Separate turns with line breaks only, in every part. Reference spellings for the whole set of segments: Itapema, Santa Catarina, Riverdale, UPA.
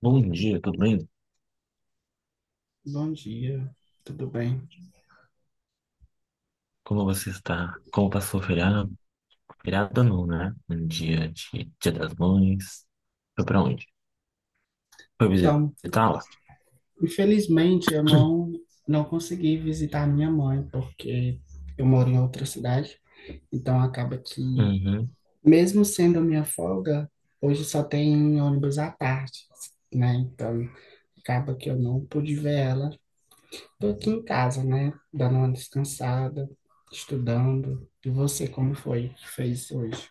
Bom dia, tudo bem?
Bom dia, tudo bem?
Como você está? Como passou o feriado? Feriado não, né? Um dia de Dia das Mães. Foi pra onde? Foi
Então,
visitá-la?
infelizmente eu não consegui visitar minha mãe porque eu moro em outra cidade. Então acaba que
Uhum.
mesmo sendo a minha folga, hoje só tem ônibus à tarde, né? Então acaba que eu não pude ver ela. Tô aqui em casa, né? Dando uma descansada, estudando. E você, como foi que fez hoje?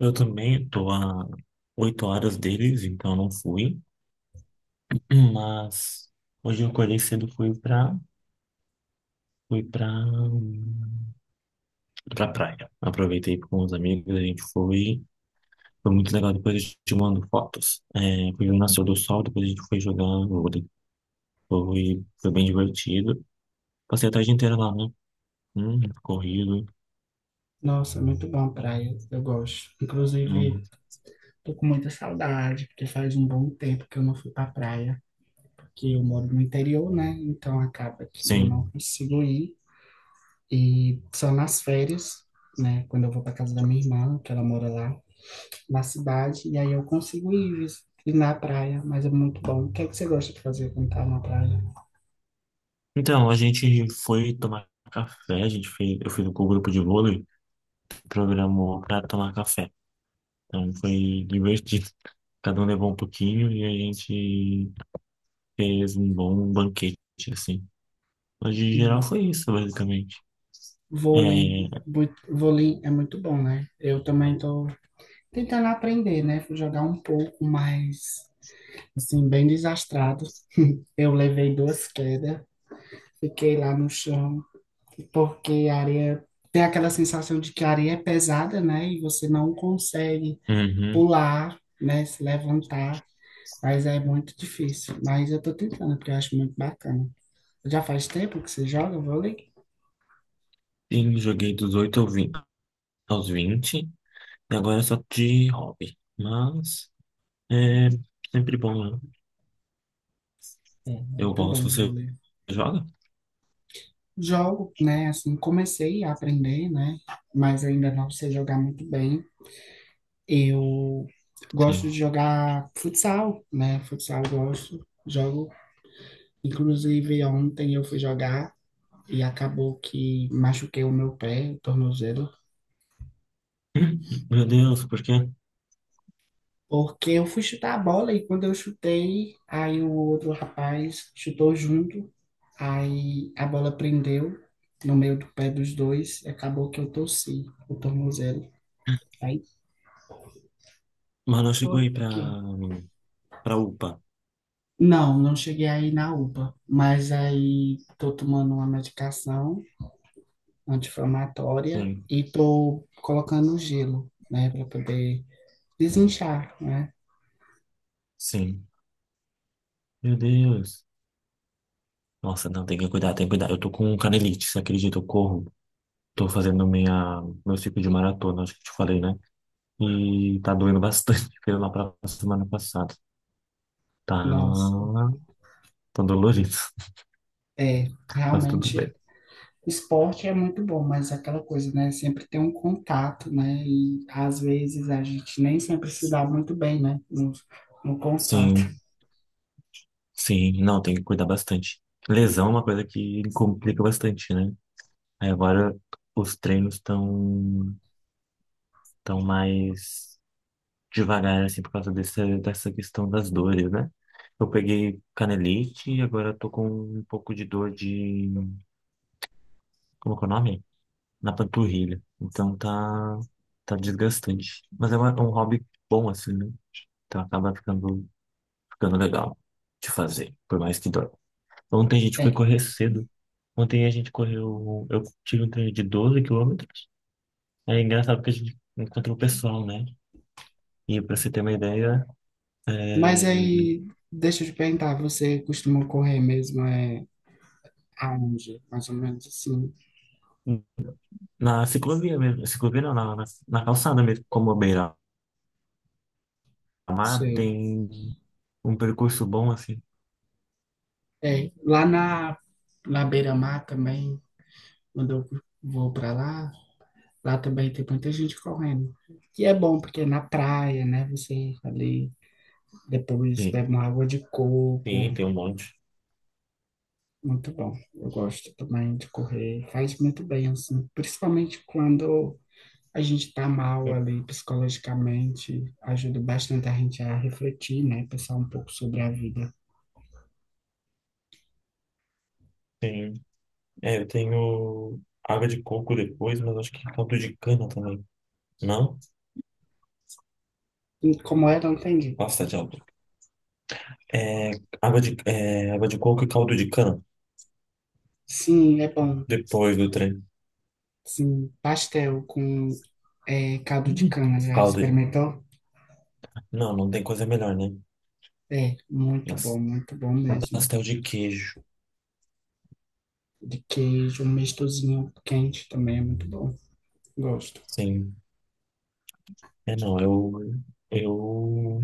Eu também tô a 8 horas deles, então não fui. Mas hoje eu acordei cedo, fui pra praia. Aproveitei com os amigos, a gente foi. Foi muito legal, depois eu te mando fotos. É, foi o nascer do sol, depois a gente foi jogar vôlei. Foi bem divertido. Passei a tarde inteira lá, né? Corrido.
Nossa, muito bom praia, eu gosto. Inclusive
Hum,
tô com muita saudade, porque faz um bom tempo que eu não fui pra praia, porque eu moro no interior, né? Então acaba que eu
sim.
não consigo ir. E só nas férias, né? Quando eu vou pra casa da minha irmã, que ela mora lá na cidade, e aí eu consigo ir, ir na praia, mas é muito bom. O que é que você gosta de fazer quando tá na praia?
Então, a gente foi tomar café, eu fui com o grupo de vôlei, programou pra tomar café. Então foi divertido. Cada um levou um pouquinho e a gente fez um bom banquete, assim. Mas de geral
E
foi isso, basicamente. É,
vôlei, vôlei é muito bom, né? Eu também tô tentando aprender, né? Fui jogar um pouco, mas assim, bem desastrado. Eu levei duas quedas. Fiquei lá no chão, porque a areia tem aquela sensação de que a areia é pesada, né? E você não consegue
uhum.
pular, né? Se levantar, mas é muito difícil. Mas eu tô tentando, porque eu acho muito bacana. Já faz tempo que você joga vôlei?
Sim, joguei dos 8 ao 20 aos 20, e agora é só de hobby. Mas é sempre bom, né?
É,
Eu
muito bom
gosto, você
vôlei.
joga?
Jogo, né? Assim, comecei a aprender, né? Mas ainda não sei jogar muito bem. Eu gosto
Sim.
de jogar futsal, né? Futsal eu gosto, jogo. Inclusive, ontem eu fui jogar e acabou que machuquei o meu pé, o tornozelo,
Meu Deus, por quê?
porque eu fui chutar a bola e quando eu chutei, aí o outro rapaz chutou junto, aí a bola prendeu no meio do pé dos dois e acabou que eu torci o tornozelo. Aí
Mas não
tô
chegou aí pra,
aqui.
pra UPA.
Não, não cheguei aí na UPA, mas aí tô tomando uma medicação anti-inflamatória
Sim,
e tô colocando gelo, né, para poder desinchar, né?
sim. Meu Deus. Nossa, não, tem que cuidar, tem que cuidar. Eu tô com canelite, você acredita? Eu corro. Tô fazendo meu ciclo de maratona, acho que te falei, né? E tá doendo bastante, porque lá pra semana passada. Tá,
Nossa,
tá dolorido,
é,
mas tudo
realmente,
bem.
esporte é muito bom, mas é aquela coisa, né? Sempre tem um contato, né? E às vezes a gente nem sempre se dá muito bem, né? No, no contato.
Sim, sim. Não, tem que cuidar bastante. Lesão é uma coisa que complica bastante, né? Aí agora os treinos estão tão mais devagar, assim, por causa dessa questão das dores, né? Eu peguei canelite e agora eu tô com um pouco de dor de... Como é que é o nome? Na panturrilha. Então tá desgastante. Mas é um hobby bom, assim, né? Então acaba ficando, ficando legal de fazer, por mais que dói. Ontem a gente foi
É,
correr cedo. Ontem a gente correu, eu tive um treino de 12 quilômetros. É engraçado porque a gente encontrou o pessoal, né? E pra você ter uma ideia,
mas
é.
aí, deixa eu te perguntar, você costuma correr mesmo, é, aonde? Mais ou menos assim,
Na ciclovia mesmo, ciclovia não, na calçada mesmo, como a beira-mar,
sei.
tem um percurso bom assim.
É, lá na, na beira-mar também, quando eu vou para lá, lá também tem muita gente correndo. Que é bom, porque é na praia, né? Você ali depois
Sim,
bebe uma água de coco.
sim, tem um monte.
Muito bom. Eu gosto também de correr. Faz muito bem, assim. Principalmente quando a gente tá mal ali psicologicamente. Ajuda bastante a gente a refletir, né? Pensar um pouco sobre a vida.
Tem, é, eu tenho água de coco depois, mas acho que caldo de cana também. Não?
E como é, não entendi.
Nossa, tá de álcool. É, água de coco e caldo de cana
Sim, é bom.
depois do trem.
Sim, pastel com é, caldo de
Uhum.
cana. Já
Caldo de...
experimentou?
Não, não tem coisa melhor, né?
É,
Nossa,
muito bom
um
mesmo.
pastel de queijo.
De queijo, um mistozinho quente também é muito bom. Gosto.
Sim. É, não, Eu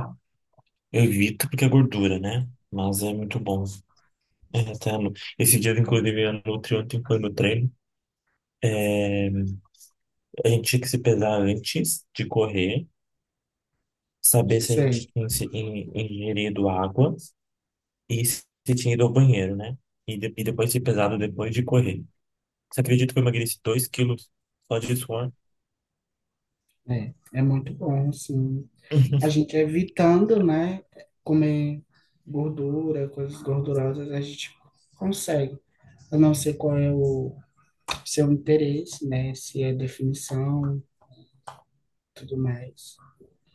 Eu evito porque é gordura, né? Mas é muito bom. É, até no- Esses dias, inclusive, a Nutri ontem foi no treino. É, a gente tinha que se pesar antes de correr, saber se a
Sei.
gente tinha ingerido água e se tinha ido ao banheiro, né? E depois se pesado depois de correr. Você acredita que eu emagreci 2 quilos só de suor?
É, é muito bom, assim. A gente evitando, né, comer gordura, coisas gordurosas, a gente consegue. Eu não sei qual é o seu interesse, né, se é definição, tudo mais.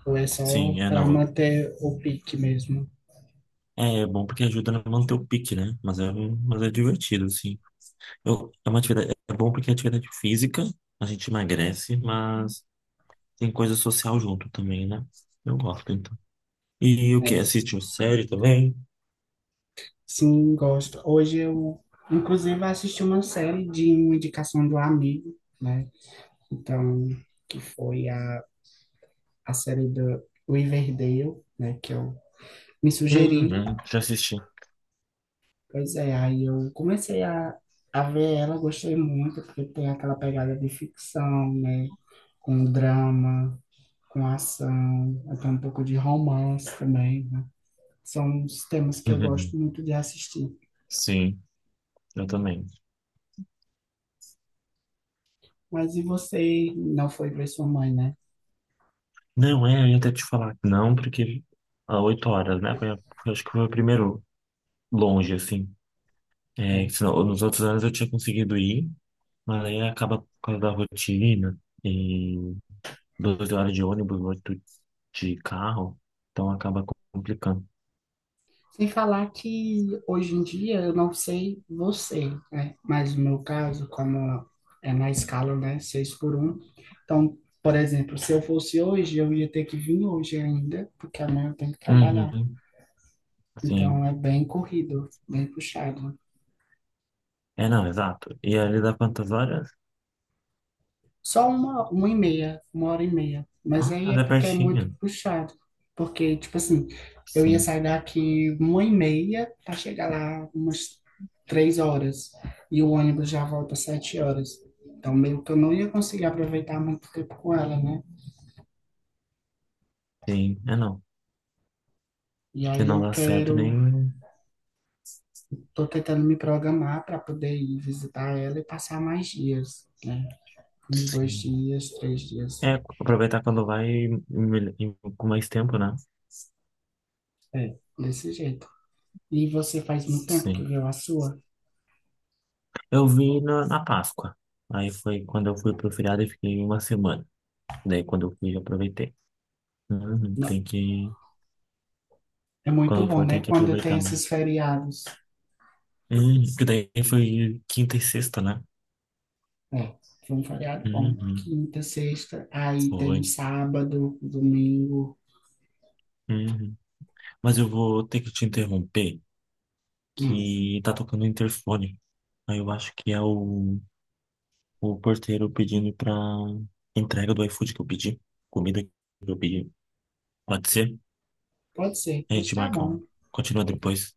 Ou é só
Sim, é
para
não.
manter o pique mesmo.
É, é bom porque ajuda a manter o pique, né? Mas é divertido, assim. É uma atividade, é bom porque é atividade física, a gente emagrece, mas tem coisa social junto também, né? Eu gosto, então. E o que?
Mas
Assiste série também?
sim, gosto. Hoje eu, inclusive, assisti uma série de uma indicação do amigo, né, então, que foi a série do Riverdale, né, que eu me sugeriram.
Uhum, já assisti.
Pois é, aí eu comecei a ver ela, gostei muito, porque tem aquela pegada de ficção, né? Com drama, com ação, até um pouco de romance também, né? São os temas que eu gosto
Uhum,
muito de assistir.
sim, eu também.
Mas e você não foi ver sua mãe, né?
Não, é, eu ia até te falar que não, porque há 8 horas, né? Acho que foi o primeiro longe, assim. É,
É.
senão, nos outros anos eu tinha conseguido ir, mas aí acaba por causa da rotina e 12 horas de ônibus, 8 de carro, então acaba complicando.
Sem falar que hoje em dia, eu não sei você, né? Mas no meu caso, como é na escala, né? Seis por um. Então, por exemplo, se eu fosse hoje, eu ia ter que vir hoje ainda, porque amanhã eu tenho que trabalhar.
Uhum, sim.
Então, é bem corrido, bem puxado.
É, não, exato. E ali dá quantas horas?
Só uma e meia, uma hora e meia. Mas
Ah,
aí
mas
é
é
porque é muito
pertinho.
puxado. Porque, tipo assim, eu ia
Sim,
sair daqui uma e meia para chegar lá umas 3 horas. E o ônibus já volta às 7 horas. Então, meio que eu não ia conseguir aproveitar muito tempo com ela, né?
sim. É, não.
E
Se
aí
não
eu
dá certo,
quero,
nem...
tô tentando me programar para poder ir visitar ela e passar mais dias, né? Uns dois
Sim.
dias, três dias.
É, aproveitar quando vai com mais tempo, né?
É, desse jeito. E você faz muito tempo que
Sim.
viu a sua?
Eu vi na Páscoa. Aí foi quando eu fui pro feriado e fiquei uma semana. Daí quando eu fui, eu aproveitei. Uhum, tem que...
É
Quando
muito
eu
bom,
for,
né?
tem que
Quando tem
aproveitar, né?
esses feriados.
Que daí foi quinta e sexta, né?
É, foi um feriado bom.
Uhum,
Quinta, sexta, aí tem um
foi.
sábado, um domingo.
Uhum. Mas eu vou ter que te interromper,
Hum,
que tá tocando o interfone. Aí eu acho que é o porteiro pedindo pra entrega do iFood que eu pedi. Comida que eu pedi. Pode ser?
pode ser,
A
pois
gente
tá
marca
bom.
um. Continua depois.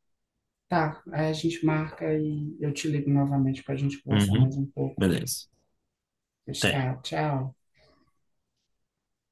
Tá, aí a gente marca e eu te ligo novamente para a gente conversar
Uhum.
mais um pouco.
Beleza.
Pois
Até.
tá, tchau.